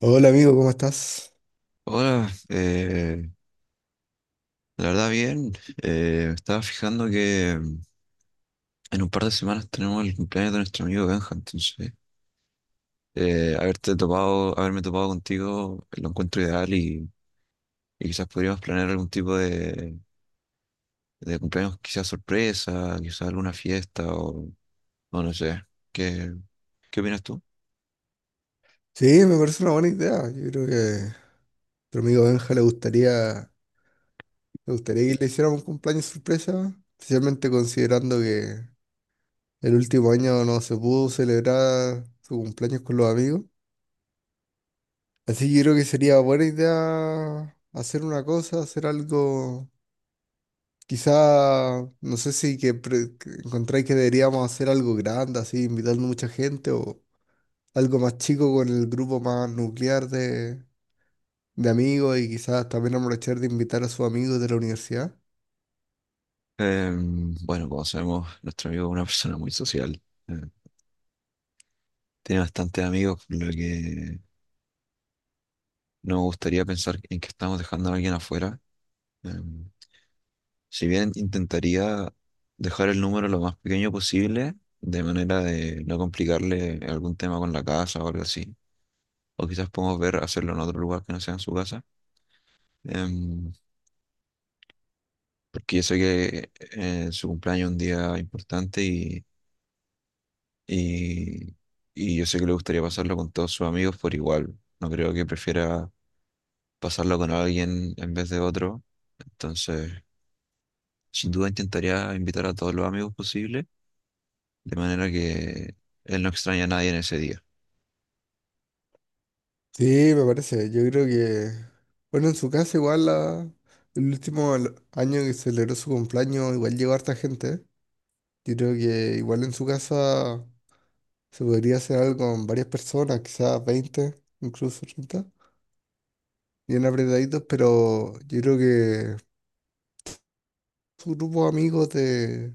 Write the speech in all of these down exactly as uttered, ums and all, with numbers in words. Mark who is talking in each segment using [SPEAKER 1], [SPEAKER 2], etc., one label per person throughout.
[SPEAKER 1] Hola amigo, ¿cómo estás?
[SPEAKER 2] Hola, eh, la verdad bien. Eh, me estaba fijando que mm, en un par de semanas tenemos el cumpleaños de nuestro amigo Benja, entonces eh, haberte topado, haberme topado contigo lo encuentro ideal y, y quizás podríamos planear algún tipo de, de cumpleaños, quizás sorpresa, quizás alguna fiesta o, o no sé. ¿Qué, ¿qué opinas tú?
[SPEAKER 1] Sí, me parece una buena idea. Yo creo que a nuestro amigo Benja le gustaría, le gustaría que le hiciéramos un cumpleaños sorpresa, especialmente considerando que el último año no se pudo celebrar su cumpleaños con los amigos. Así que yo creo que sería buena idea hacer una cosa, hacer algo, quizá, no sé si que pre- que encontráis que deberíamos hacer algo grande, así invitando mucha gente o algo más chico con el grupo más nuclear de amigos y quizás también aprovechar de invitar a sus amigos de la universidad.
[SPEAKER 2] Em, bueno, como sabemos, nuestro amigo es una persona muy social. eh, Tiene bastantes amigos, por lo que no me gustaría pensar en que estamos dejando a alguien afuera. Em, si bien intentaría dejar el número lo más pequeño posible, de manera de no complicarle algún tema con la casa o algo así, o quizás podemos ver hacerlo en otro lugar que no sea en su casa. Em, Porque yo sé que eh, su cumpleaños es un día importante y, y, y yo sé que le gustaría pasarlo con todos sus amigos por igual, no creo que prefiera pasarlo con alguien en vez de otro, entonces sin duda intentaría invitar a todos los amigos posibles de manera que él no extraña a nadie en ese día.
[SPEAKER 1] Sí, me parece. Yo creo que, bueno, en su casa igual la- el último al- año que celebró su cumpleaños igual llegó harta gente. Yo creo que igual en su casa se podría hacer algo con varias personas, quizás veinte, incluso treinta, bien apretaditos, pero yo creo que su grupo de amigos de,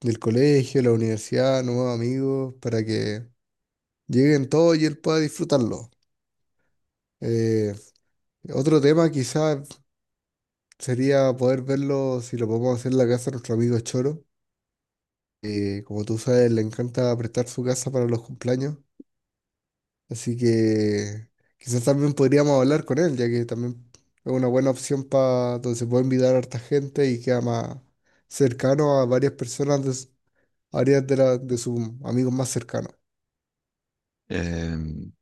[SPEAKER 1] del colegio, la universidad, nuevos amigos, para que lleguen todos y él pueda disfrutarlo. Eh, Otro tema quizás sería poder verlo si lo podemos hacer en la casa de nuestro amigo Choro, que como tú sabes, le encanta prestar su casa para los cumpleaños. Así que quizás también podríamos hablar con él, ya que también es una buena opción para donde se puede invitar a harta gente y queda más cercano a varias personas de, s- varias de, la- de sus amigos más cercanos.
[SPEAKER 2] Em,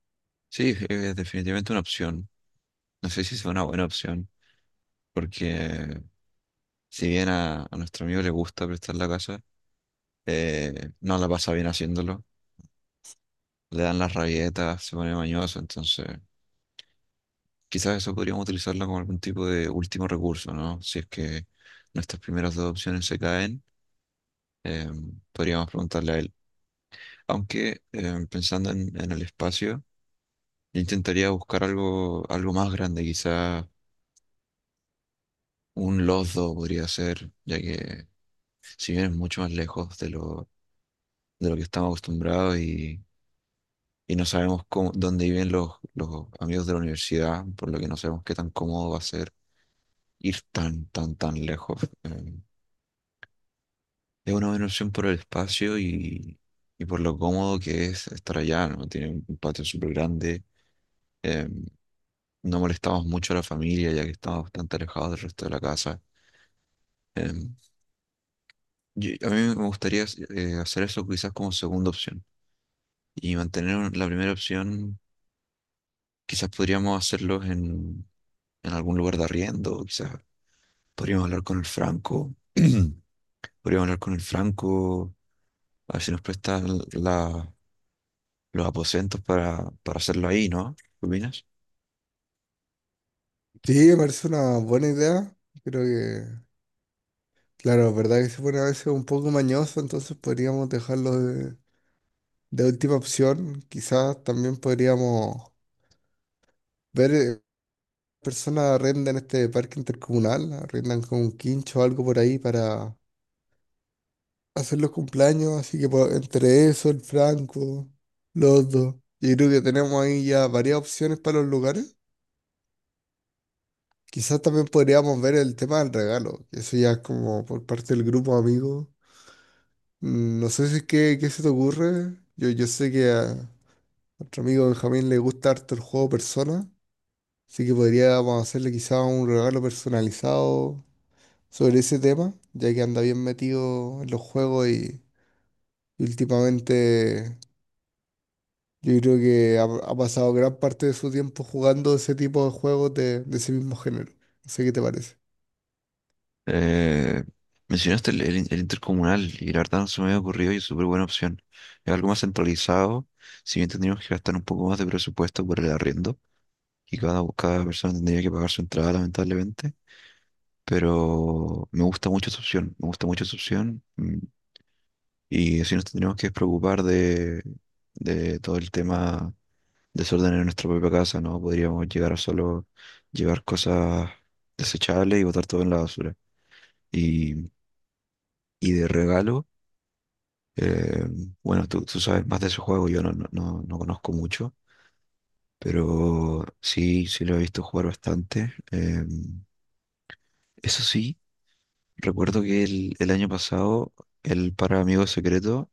[SPEAKER 2] sí, es definitivamente una opción. No sé si es una buena opción, porque si bien a, a nuestro amigo le gusta prestar la casa, eh, no la pasa bien haciéndolo. Le dan las rabietas, se pone mañoso, entonces quizás eso podríamos utilizarlo como algún tipo de último recurso, ¿no? Si es que nuestras primeras dos opciones se caen, em, podríamos preguntarle a él. Aunque em, pensando en en el espacio, yo intentaría buscar algo, algo más grande, quizá un Losdo podría ser, ya que si bien es mucho más lejos de lo, de lo que estamos acostumbrados y, y no sabemos cómo- dónde viven los, los amigos de la universidad, por lo que no sabemos qué tan cómodo va a ser ir tan, tan, tan lejos. Eh, Es una buena opción por el espacio y, y por lo cómodo que es estar allá, ¿no? Tiene un un patio súper grande. eh, no molestamos mucho a la familia ya que estamos bastante alejados del resto de la casa. Eh, yo- a mí me gustaría eh, hacer eso quizás como segunda opción y mantener un- la primera opción. Quizás podríamos hacerlos en, en algún lugar de arriendo, quizás podríamos hablar con el Franco, podríamos hablar con el Franco, a ver si nos prestan la- los aposentos para, para hacerlo ahí, ¿no? ¿Qué opinas?
[SPEAKER 1] Sí, me parece una buena idea. Creo que, claro, es verdad que se pone a veces un poco mañoso, entonces podríamos dejarlo de última opción, quizás también podríamos ver eh, personas arrendan este parque intercomunal, arrendan con un quincho o algo por ahí para hacer los cumpleaños, así que po- entre eso, el Franco, los dos, yo creo que tenemos ahí ya varias opciones para los lugares. Quizás también podríamos ver el tema del regalo, eso ya es como por parte del grupo de amigos. Mm, no sé si qué, qué se te ocurre, yo, yo sé que a nuestro amigo Benjamín le gusta harto el juego Persona. Así que podríamos hacerle quizá un regalo personalizado sobre ese tema, ya que anda bien metido en los juegos y, y últimamente yo creo que ha, ha pasado gran parte de su tiempo jugando ese tipo de juegos de, de ese mismo género. No sé qué te parece.
[SPEAKER 2] Eh, Mencionaste el, el- el intercomunal y la verdad no se me había ocurrido y es súper buena opción. Es algo más centralizado, si bien tendríamos que gastar un poco más de presupuesto por el arriendo y cada, cada persona tendría que pagar su entrada, lamentablemente. Pero me gusta mucho esa opción, me gusta mucho esa opción. mm, Y así nos tendríamos que preocupar de, de todo el tema desorden en nuestra propia casa, ¿no? Podríamos llegar a solo llevar cosas desechables y botar todo en la basura. Y, y de regalo, eh, bueno, tú, tú sabes más de ese juego, yo no, no, no, no conozco mucho, pero sí, sí lo he visto jugar bastante. Em, eso sí, recuerdo que el, el año pasado, el para amigos secreto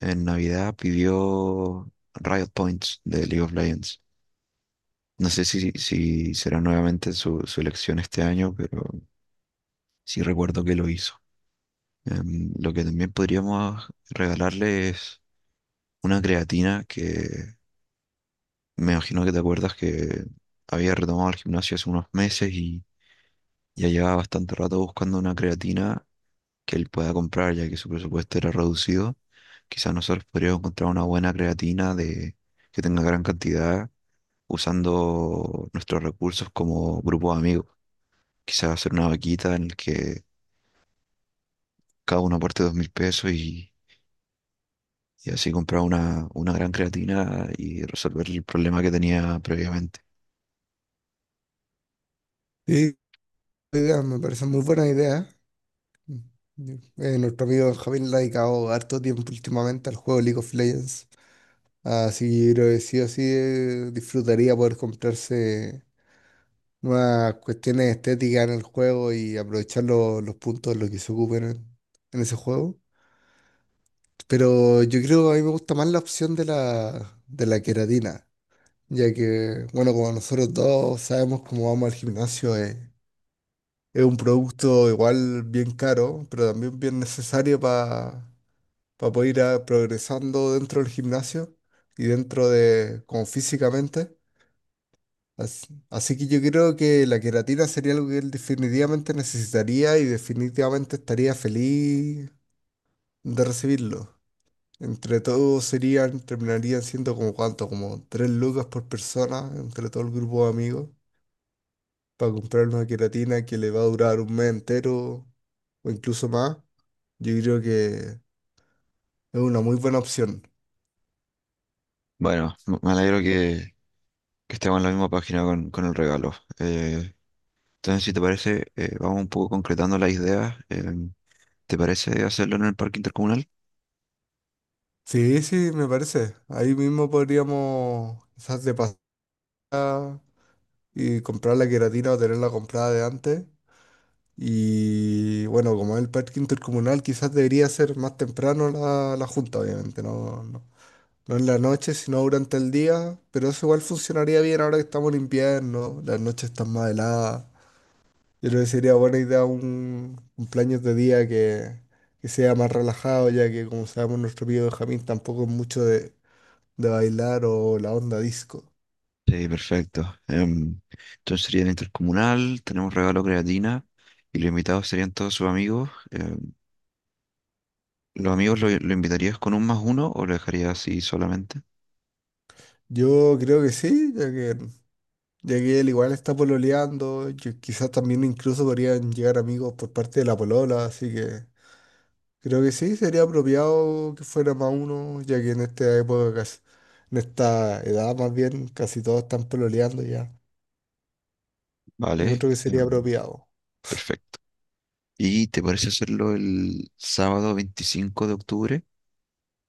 [SPEAKER 2] en Navidad pidió Riot Points de League of Legends. No sé si, si será nuevamente su, su elección este año, pero sí recuerdo que lo hizo. Em, lo que también podríamos regalarle es una creatina que me imagino que te acuerdas que había retomado el gimnasio hace unos meses y ya llevaba bastante rato buscando una creatina que él pueda comprar ya que su presupuesto era reducido. Quizás nosotros podríamos encontrar una buena creatina de, que tenga gran cantidad usando nuestros recursos como grupo de amigos. Quizás hacer una vaquita en el que cada uno aporte dos mil pesos y, y así comprar una, una gran creatina y resolver el problema que tenía previamente.
[SPEAKER 1] Sí, idea, me parece muy buena idea. Eh, nuestro amigo Benjamín le ha dedicado harto tiempo últimamente al juego League of Legends. Así que yo creo que sí o sí eh, disfrutaría poder comprarse más cuestiones estéticas en el juego y aprovechar lo- los puntos, lo que se ocupen en, en ese juego. Pero yo creo que a mí me gusta más la opción de la, de la queratina, ya que, bueno, como nosotros dos sabemos cómo vamos al gimnasio, es, es un producto igual bien caro, pero también bien necesario para poder ir a- progresando dentro del gimnasio y dentro de, como físicamente. As- Así, que yo creo que la queratina sería algo que él definitivamente necesitaría y definitivamente estaría feliz de recibirlo. Entre todos serían, terminarían siendo como cuánto, como tres lucas por persona, entre todo el grupo de amigos, para comprar una queratina que le va a durar un mes entero o incluso más. Yo creo que es una muy buena opción.
[SPEAKER 2] Bueno, me me alegro que, que estemos en la misma página con, con el regalo. Eh, entonces, si te parece, eh, vamos un poco concretando las ideas. Em, ¿te parece hacerlo en el parque intercomunal?
[SPEAKER 1] Sí, sí, me parece. Ahí mismo podríamos quizás de pasar y comprar la queratina o tenerla comprada de antes. Y bueno, como es el parque intercomunal, quizás debería ser más temprano la, la junta, obviamente, no, no, no en la noche, sino durante el día, pero eso igual funcionaría bien ahora que estamos en invierno, las noches están más heladas. Yo creo que sería buena idea un cumpleaños de día que, que sea más relajado, ya que como sabemos nuestro amigo Benjamín tampoco es mucho de, de bailar o la onda disco.
[SPEAKER 2] Sí, perfecto. Em, entonces sería el intercomunal, tenemos regalo creatina y los invitados serían todos sus amigos. Em, ¿los amigos lo, lo invitarías con un más uno o lo dejarías así solamente?
[SPEAKER 1] Yo creo que sí, ya que Ya que él igual está pololeando, yo- quizás también incluso podrían llegar amigos por parte de la polola, así que creo que sí, sería apropiado que fuera más uno, ya que en esta época, casi- en esta edad más bien, casi todos están pololeando ya.
[SPEAKER 2] Vale,
[SPEAKER 1] Encuentro que sería
[SPEAKER 2] em,
[SPEAKER 1] apropiado.
[SPEAKER 2] perfecto. ¿Y te parece hacerlo el sábado veinticinco de octubre?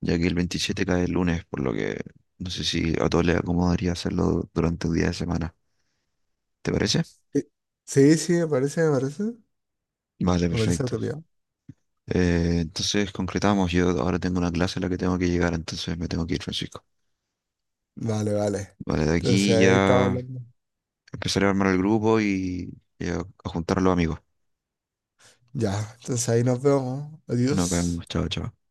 [SPEAKER 2] Ya que el veintisiete cae el lunes, por lo que no sé si a todos les acomodaría hacerlo durante un día de semana. ¿Te parece?
[SPEAKER 1] Eh, Sí, sí, me parece, me parece,
[SPEAKER 2] Vale,
[SPEAKER 1] me parece
[SPEAKER 2] perfecto.
[SPEAKER 1] apropiado.
[SPEAKER 2] Eh, entonces concretamos, yo ahora tengo una clase a la que tengo que llegar, entonces me tengo que ir, Francisco.
[SPEAKER 1] Vale, vale.
[SPEAKER 2] Vale, de
[SPEAKER 1] Entonces
[SPEAKER 2] aquí
[SPEAKER 1] ahí estamos
[SPEAKER 2] ya
[SPEAKER 1] hablando.
[SPEAKER 2] empezaré a armar el grupo y, y a, a juntar a los amigos.
[SPEAKER 1] Ya, entonces ahí nos vemos.
[SPEAKER 2] Nos
[SPEAKER 1] Adiós.
[SPEAKER 2] vemos, chao, chao.